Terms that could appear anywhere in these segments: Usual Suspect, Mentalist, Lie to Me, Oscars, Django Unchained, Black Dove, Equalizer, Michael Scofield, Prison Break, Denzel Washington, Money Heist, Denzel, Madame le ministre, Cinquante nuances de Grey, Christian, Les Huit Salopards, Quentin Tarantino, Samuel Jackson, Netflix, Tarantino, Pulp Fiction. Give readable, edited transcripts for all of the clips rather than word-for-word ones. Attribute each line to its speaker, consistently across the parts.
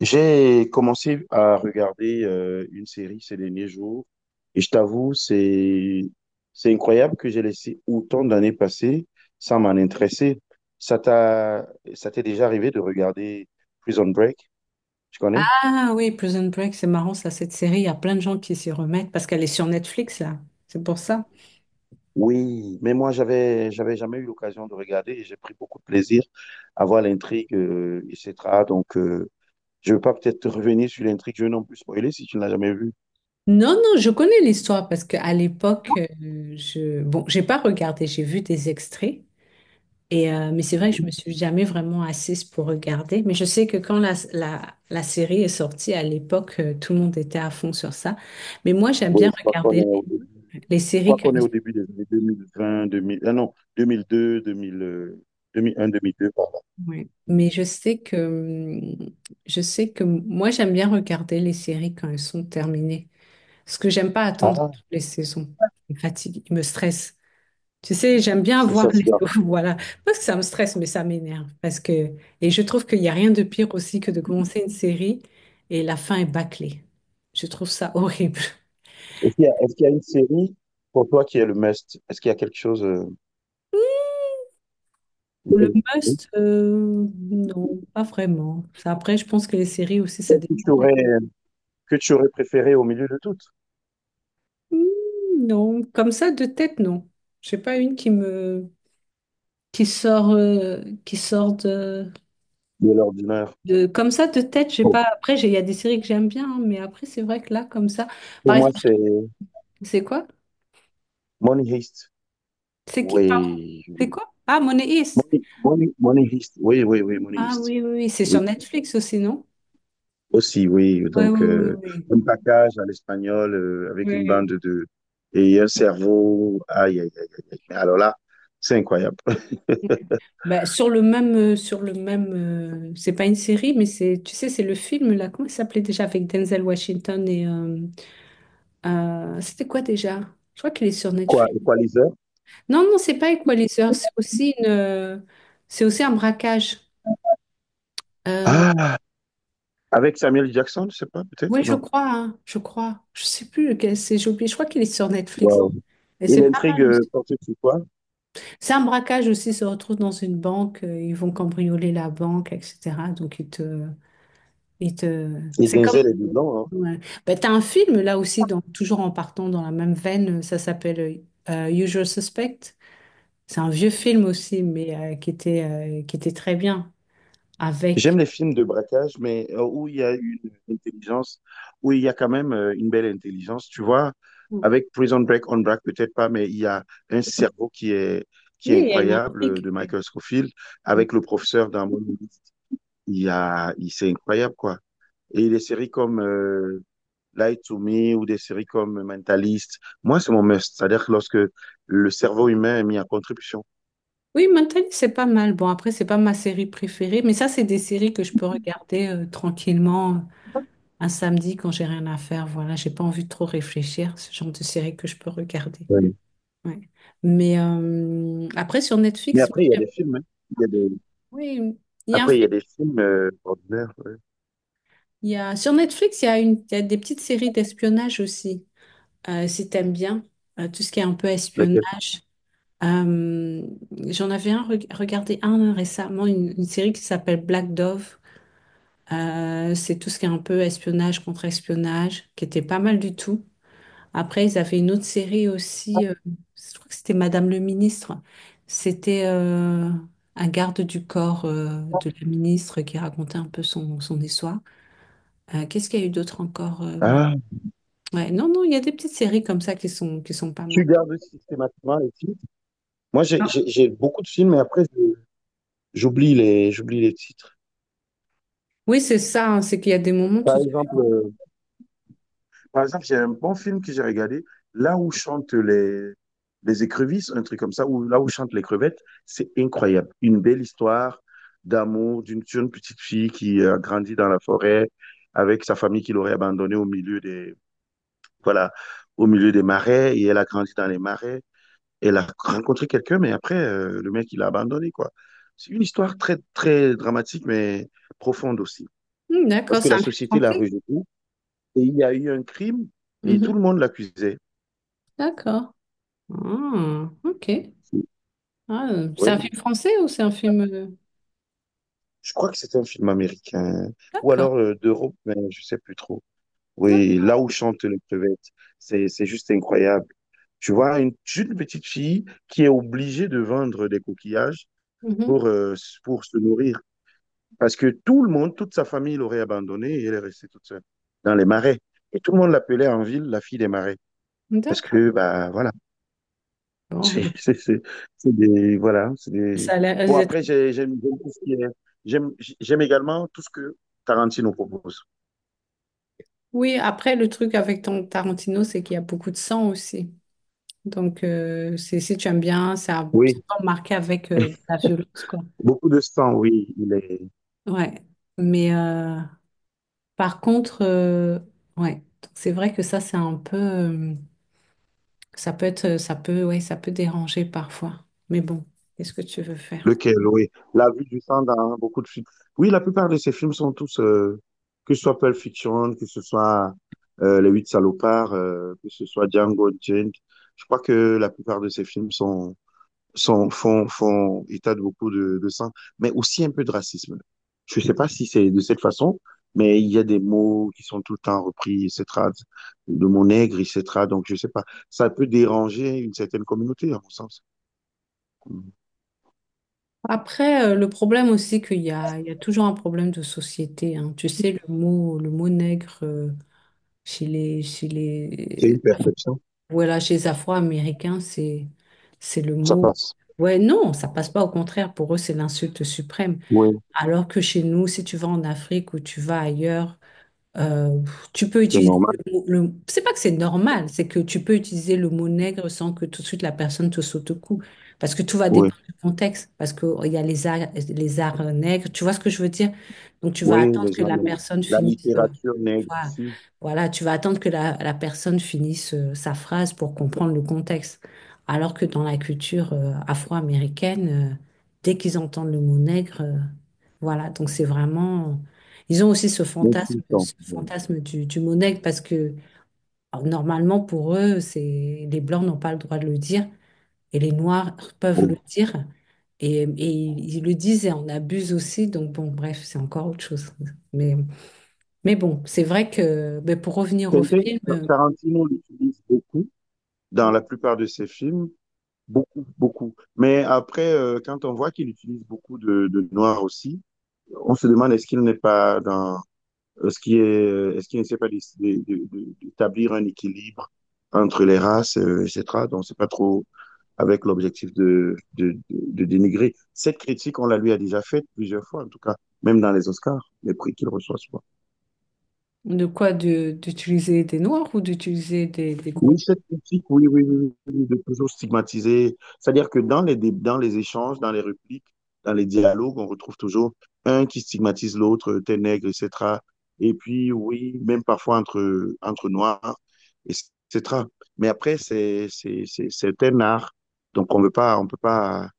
Speaker 1: J'ai commencé à regarder une série ces derniers jours et je t'avoue, c'est incroyable que j'ai laissé autant d'années passer sans m'en intéresser. Ça t'a Ça t'est déjà arrivé de regarder Prison Break, tu connais?
Speaker 2: Ah oui, Prison Break, c'est marrant ça, cette série, il y a plein de gens qui s'y remettent parce qu'elle est sur Netflix là, c'est pour ça.
Speaker 1: Oui, mais moi j'avais jamais eu l'occasion de regarder et j'ai pris beaucoup de plaisir à voir l'intrigue, etc. Donc, je veux pas peut-être te revenir sur l'intrigue, je vais non plus spoiler si tu ne l'as jamais vu.
Speaker 2: Non, non, je connais l'histoire parce qu'à l'époque, je j'ai pas regardé, j'ai vu des extraits et mais c'est vrai que je
Speaker 1: Oui,
Speaker 2: me suis jamais vraiment assise pour regarder. Mais je sais que quand la série est sortie à l'époque, tout le monde était à fond sur ça. Mais moi, j'aime bien
Speaker 1: oui,
Speaker 2: regarder
Speaker 1: Je
Speaker 2: les séries
Speaker 1: crois qu'on est
Speaker 2: comme ça.
Speaker 1: au début des années 2020, 2000, ah non, 2002, 2000, 2001, 2002, par
Speaker 2: Ouais.
Speaker 1: là.
Speaker 2: Mais je sais que moi, j'aime bien regarder les séries quand elles sont terminées. Parce que j'aime pas attendre
Speaker 1: Ah,
Speaker 2: toutes les saisons. Il me fatigue, il me stresse. Tu sais, j'aime bien
Speaker 1: c'est
Speaker 2: voir
Speaker 1: ça,
Speaker 2: les
Speaker 1: c'est bien.
Speaker 2: voilà. Parce que ça me stresse, mais ça m'énerve. Parce que... Et je trouve qu'il n'y a rien de pire aussi que de commencer une série et la fin est bâclée. Je trouve ça horrible.
Speaker 1: Est-ce qu'il y a une série pour toi qui est le must? Est-ce qu'il y a quelque chose
Speaker 2: Le must, non, pas vraiment. Ça, après, je pense que les séries aussi, ça dépend.
Speaker 1: que tu aurais, que tu aurais préféré au milieu de toutes,
Speaker 2: Hmm, non, comme ça, de tête, non. Je sais pas une qui me... qui sort de...
Speaker 1: de l'ordinaire?
Speaker 2: De, comme ça, de tête, j'ai
Speaker 1: Bon,
Speaker 2: pas. Après, il y a des séries que j'aime bien, hein, mais après, c'est vrai que là, comme ça. Par
Speaker 1: pour moi,
Speaker 2: exemple,
Speaker 1: c'est
Speaker 2: c'est quoi?
Speaker 1: Money Heist.
Speaker 2: C'est qui? Pardon,
Speaker 1: Oui.
Speaker 2: c'est quoi? Ah, Money Heist.
Speaker 1: Money Heist. Oui, oui, oui, Money
Speaker 2: Ah
Speaker 1: Heist.
Speaker 2: oui, oui, oui. C'est sur
Speaker 1: Oui.
Speaker 2: Netflix aussi, non?
Speaker 1: Aussi, oui.
Speaker 2: Ouais, oui,
Speaker 1: Donc,
Speaker 2: oui, oui.
Speaker 1: un package à l'espagnol avec
Speaker 2: Oui.
Speaker 1: une
Speaker 2: Oui.
Speaker 1: bande de, et un cerveau. Aïe, aïe, aïe, aïe, aïe. Mais alors là, c'est incroyable.
Speaker 2: Bah, sur le même, c'est pas une série, mais c'est, tu sais, c'est le film là. Comment il s'appelait déjà avec Denzel Washington et c'était quoi déjà? Je crois qu'il est sur
Speaker 1: Quoi,
Speaker 2: Netflix.
Speaker 1: Equalizer?
Speaker 2: Non, non, c'est pas Equalizer. C'est aussi une, c'est aussi un braquage. Euh,
Speaker 1: Ah, avec Samuel Jackson, je sais pas,
Speaker 2: Oui,
Speaker 1: peut-être,
Speaker 2: je
Speaker 1: non.
Speaker 2: crois, hein, je crois. Je sais plus lequel c'est, j'ai oublié. Je crois qu'il est sur Netflix.
Speaker 1: Wow.
Speaker 2: Et
Speaker 1: Et
Speaker 2: c'est pas
Speaker 1: l'intrigue
Speaker 2: mal aussi.
Speaker 1: porte sur quoi?
Speaker 2: C'est un braquage aussi, ils se retrouvent dans une banque, ils vont cambrioler la banque, etc. Donc ils te...
Speaker 1: Et
Speaker 2: C'est comme...
Speaker 1: Denzel est dedans, hein.
Speaker 2: Ouais. Bah, t'as un film là aussi, toujours en partant dans la même veine, ça s'appelle Usual Suspect. C'est un vieux film aussi, mais qui était très bien
Speaker 1: J'aime
Speaker 2: avec...
Speaker 1: les films de braquage, mais où il y a une intelligence, où il y a quand même une belle intelligence. Tu vois,
Speaker 2: Oui,
Speaker 1: avec Prison Break, On Break, peut-être pas, mais il y a un cerveau qui est
Speaker 2: il y a une
Speaker 1: incroyable
Speaker 2: intrigue.
Speaker 1: de Michael Scofield. Avec le professeur dans Mon Livre, il y a, il, c'est incroyable, quoi. Et des séries comme Lie to Me ou des séries comme Mentalist, moi, c'est mon must. C'est-à-dire que lorsque le cerveau humain est mis en contribution.
Speaker 2: Oui, Mentally, c'est pas mal. Bon, après, c'est pas ma série préférée, mais ça, c'est des séries que je peux regarder tranquillement un samedi quand j'ai rien à faire. Voilà, j'ai pas envie de trop réfléchir. Ce genre de série que je peux regarder.
Speaker 1: Ouais.
Speaker 2: Ouais. Mais après, sur
Speaker 1: Mais
Speaker 2: Netflix,
Speaker 1: après, il y a des films, hein. Il y a des.
Speaker 2: oui, il y a un
Speaker 1: Après, il y a
Speaker 2: film.
Speaker 1: des films ordinaires. Ouais.
Speaker 2: Il y a, sur Netflix, il y a des petites séries d'espionnage aussi, si t'aimes bien tout ce qui est un peu
Speaker 1: Lesquels?
Speaker 2: espionnage. Euh, j'en avais un, regardé un récemment, une série qui s'appelle Black Dove. C'est tout ce qui est un peu espionnage contre espionnage, qui était pas mal du tout. Après, ils avaient une autre série aussi, je crois que c'était Madame le ministre. C'était un garde du corps de la ministre qui racontait un peu son histoire. Qu'est-ce qu'il y a eu d'autre encore?
Speaker 1: Ah,
Speaker 2: Ouais, non, non, il y a des petites séries comme ça qui sont pas
Speaker 1: tu
Speaker 2: mal.
Speaker 1: gardes systématiquement les titres. Moi, j'ai beaucoup de films, mais après, j'oublie les titres.
Speaker 2: Oui, c'est ça, hein, c'est qu'il y a des moments
Speaker 1: Par
Speaker 2: tout...
Speaker 1: exemple, j'ai un bon film que j'ai regardé, là où chantent les écrevisses, un truc comme ça, ou là où chantent les crevettes, c'est incroyable. Une belle histoire d'amour d'une petite fille qui a grandi dans la forêt avec sa famille qui l'aurait abandonnée voilà, au milieu des marais, et elle a grandi dans les marais. Elle a rencontré quelqu'un, mais après, le mec, il a abandonné, quoi. C'est une histoire très, très dramatique, mais profonde aussi.
Speaker 2: Hmm,
Speaker 1: Parce
Speaker 2: d'accord,
Speaker 1: que
Speaker 2: c'est
Speaker 1: la
Speaker 2: un film
Speaker 1: société l'a
Speaker 2: français.
Speaker 1: rejeté et il y a eu un crime et
Speaker 2: Mhm,
Speaker 1: tout le monde l'accusait.
Speaker 2: d'accord. Ah, ok. Ah, c'est un
Speaker 1: Oui,
Speaker 2: film français ou c'est un film...
Speaker 1: je crois que c'est un film américain ou
Speaker 2: d'accord.
Speaker 1: alors d'Europe, mais je sais plus trop.
Speaker 2: Non.
Speaker 1: Oui, là où chante les crevettes, c'est juste incroyable. Tu vois, une petite fille qui est obligée de vendre des coquillages
Speaker 2: Mhm.
Speaker 1: pour, euh, pour se nourrir. Parce que tout le monde, toute sa famille l'aurait abandonnée et elle est restée toute seule dans les marais. Et tout le monde l'appelait en ville la fille des marais. Parce que,
Speaker 2: D'accord.
Speaker 1: bah voilà,
Speaker 2: Bon,
Speaker 1: c'est
Speaker 2: bah,
Speaker 1: c'est- c'est- c'est des. Voilà, c'est des.
Speaker 2: ça a l'air-
Speaker 1: Bon, après,
Speaker 2: c'est-
Speaker 1: j'aime- j'aime également tout ce que Tarantino propose.
Speaker 2: oui, après, le truc avec ton Tarantino, c'est qu'il y a beaucoup de sang aussi. Donc, c'est, si tu aimes bien, ça c'est
Speaker 1: Oui,
Speaker 2: pas marqué avec de la violence, quoi.
Speaker 1: beaucoup de sang, oui, il est.
Speaker 2: Ouais. Mais par contre, ouais. Donc, c'est vrai que ça, c'est un peu. Ça peut être. Ça peut, ouais, ça peut déranger parfois. Mais bon, qu'est-ce que tu veux faire?
Speaker 1: Lequel, oui. La vue du sang dans beaucoup de films. Oui, la plupart de ces films sont tous, que ce soit Pulp Fiction, que ce soit Les Huit Salopards, que ce soit Django Unchained. Je crois que la plupart de ces films font état de beaucoup de sang, mais aussi un peu de racisme. Je ne sais pas si c'est de cette façon, mais il y a des mots qui sont tout le temps repris, etc. De mon nègre, etc. Donc, je ne sais pas. Ça peut déranger une certaine communauté, à mon sens.
Speaker 2: Après, le problème aussi qu'il y a, il y a toujours un problème de société. Hein. Tu sais, le mot nègre. Chez chez
Speaker 1: C'est
Speaker 2: les,
Speaker 1: une perception.
Speaker 2: voilà, chez les Afro-Américains, c'est le
Speaker 1: Ça
Speaker 2: mot.
Speaker 1: passe.
Speaker 2: Ouais, non, ça passe pas. Au contraire, pour eux, c'est l'insulte suprême.
Speaker 1: Oui,
Speaker 2: Alors que chez nous, si tu vas en Afrique ou tu vas ailleurs, euh, tu peux
Speaker 1: c'est
Speaker 2: utiliser
Speaker 1: normal.
Speaker 2: c'est pas que c'est normal, c'est que tu peux utiliser le mot nègre sans que tout de suite la personne te saute au cou, parce que tout va
Speaker 1: Oui,
Speaker 2: dépendre du contexte, parce que oh, il y a les arts nègres, tu vois ce que je veux dire? Donc tu vas
Speaker 1: oui,
Speaker 2: attendre
Speaker 1: les
Speaker 2: que
Speaker 1: gens,
Speaker 2: la personne
Speaker 1: la
Speaker 2: finisse,
Speaker 1: littérature nègre
Speaker 2: voilà,
Speaker 1: ici,
Speaker 2: voilà, tu vas attendre que la personne finisse sa phrase pour comprendre le contexte, alors que dans la culture afro-américaine, dès qu'ils entendent le mot nègre, voilà, donc c'est vraiment ils ont aussi
Speaker 1: on sous-entend.
Speaker 2: ce
Speaker 1: Oui.
Speaker 2: fantasme du mot nègre parce que alors, normalement pour eux, c'est les blancs n'ont pas le droit de le dire et les noirs peuvent le
Speaker 1: Oui.
Speaker 2: dire et ils le disent et on abuse aussi. Donc bon, bref, c'est encore autre chose. Mais, mais bon, c'est vrai que ben, pour revenir au
Speaker 1: Quentin,
Speaker 2: film,
Speaker 1: Tarantino l'utilise beaucoup dans la plupart de ses films, beaucoup, beaucoup. Mais après, quand on voit qu'il utilise beaucoup de noir aussi, on se demande est-ce qu'il n'est pas dans, est-ce qu'il ne sait pas décider d'établir un équilibre entre les races, etc. Donc, c'est pas trop, avec l'objectif de dénigrer. Cette critique, on la lui a déjà faite plusieurs fois, en tout cas, même dans les Oscars, les prix qu'il reçoit souvent.
Speaker 2: de quoi d'utiliser des noirs ou d'utiliser des
Speaker 1: Oui,
Speaker 2: groupes,
Speaker 1: cette critique, oui, oui, oui, oui de toujours stigmatiser. C'est-à-dire que dans les échanges, dans les répliques, dans les dialogues, on retrouve toujours un qui stigmatise l'autre, t'es nègre, etc. Et puis, oui, même parfois entre noirs, etc. Mais après, c'est un art. Donc, on ne peut pas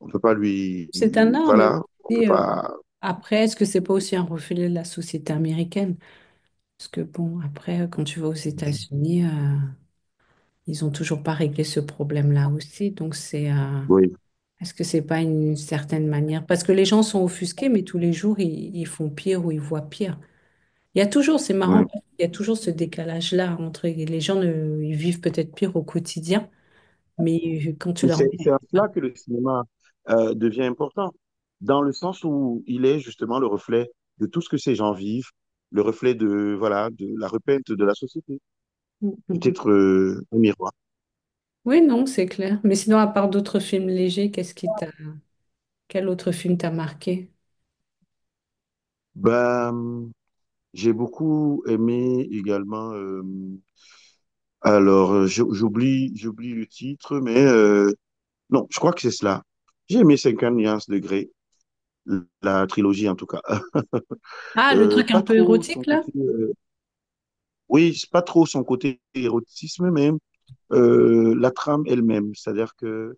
Speaker 1: On ne peut pas lui,
Speaker 2: c'est un art. Mais
Speaker 1: voilà, on ne peut
Speaker 2: aussi,
Speaker 1: pas.
Speaker 2: après, est-ce que c'est pas aussi un reflet de la société américaine? Parce que bon, après, quand tu vas aux États-Unis, ils ont toujours pas réglé ce problème-là aussi. Donc c'est,
Speaker 1: Oui.
Speaker 2: est-ce que c'est pas une certaine manière? Parce que les gens sont offusqués, mais tous les jours ils font pire ou ils voient pire. Il y a toujours, c'est
Speaker 1: Oui.
Speaker 2: marrant, il y a toujours ce décalage-là entre les gens ne, ils vivent peut-être pire au quotidien, mais quand tu leur
Speaker 1: C'est
Speaker 2: mets...
Speaker 1: à cela que le cinéma devient important, dans le sens où il est justement le reflet de tout ce que ces gens vivent, le reflet de voilà de la repeinte de la société,
Speaker 2: Mm, mm, mm.
Speaker 1: peut-être un miroir.
Speaker 2: Oui, non, c'est clair. Mais sinon, à part d'autres films légers, quel autre film t'a marqué?
Speaker 1: Ben, j'ai beaucoup aimé également, alors, j'oublie le titre, mais non, je crois que c'est cela. J'ai aimé Cinquante nuances de Grey, la trilogie en tout cas.
Speaker 2: Ah, le truc un
Speaker 1: Pas
Speaker 2: peu
Speaker 1: trop
Speaker 2: érotique
Speaker 1: son
Speaker 2: là?
Speaker 1: côté, oui, c'est pas trop son côté érotisme, mais la trame elle-même, c'est-à-dire que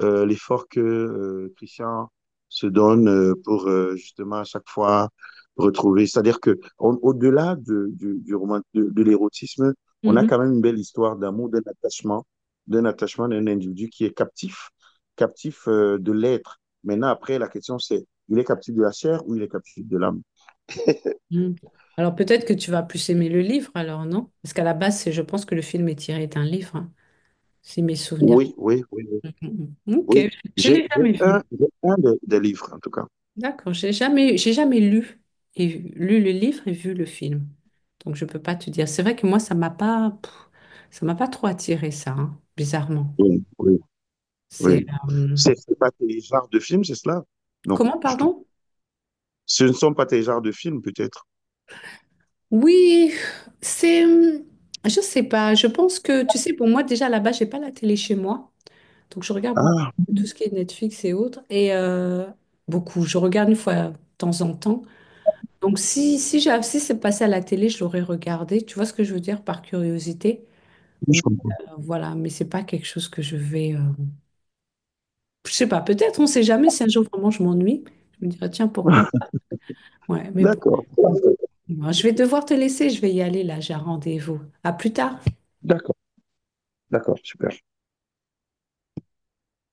Speaker 1: l'effort que Christian se donne pour justement à chaque fois retrouver, c'est-à-dire que au-delà du roman, de l'érotisme, on a quand même une belle histoire d'amour, d'un attachement d'un individu qui est captif, captif de l'être. Maintenant, après, la question c'est, il est captif de la chair ou il est captif de l'âme?
Speaker 2: Mm. Alors peut-être que tu vas plus aimer le livre alors, non? Parce qu'à la base, je pense que le film est tiré d'un livre, hein, si mes souvenirs.
Speaker 1: Oui, oui, oui, oui.
Speaker 2: Mm, mm. Ok,
Speaker 1: Oui,
Speaker 2: je l'ai jamais vu.
Speaker 1: j'ai un des livres, en tout cas.
Speaker 2: D'accord, j'ai jamais lu et lu le livre et vu le film. Donc je peux pas te dire. C'est vrai que moi, ça m'a pas, pff, ça m'a pas trop attiré ça, hein, bizarrement.
Speaker 1: Oui, oui,
Speaker 2: C'est
Speaker 1: oui.
Speaker 2: euh,
Speaker 1: C'est pas tes genres de films, c'est cela? Non,
Speaker 2: comment,
Speaker 1: du tout.
Speaker 2: pardon?
Speaker 1: Ce ne sont pas tes genres de films, peut-être.
Speaker 2: Oui, c'est, je sais pas. Je pense que, tu sais, pour moi déjà là-bas, j'ai pas la télé chez moi. Donc je regarde beaucoup
Speaker 1: Ah,
Speaker 2: tout ce qui est Netflix et autres. Et beaucoup, je regarde une fois de temps en temps. Donc si, si, j'ai, si c'est passé à la télé, je l'aurais regardé. Tu vois ce que je veux dire par curiosité?
Speaker 1: oui,
Speaker 2: Mais,
Speaker 1: je comprends.
Speaker 2: voilà, mais c'est pas quelque chose que je vais... je sais pas, peut-être, on sait jamais. Si un jour vraiment je m'ennuie, je me dirais, tiens, pourquoi? Ouais, mais bon.
Speaker 1: D'accord, parfait.
Speaker 2: Bon, je vais devoir te laisser, je vais y aller là, j'ai un rendez-vous. À plus tard.
Speaker 1: D'accord, d'accord, super.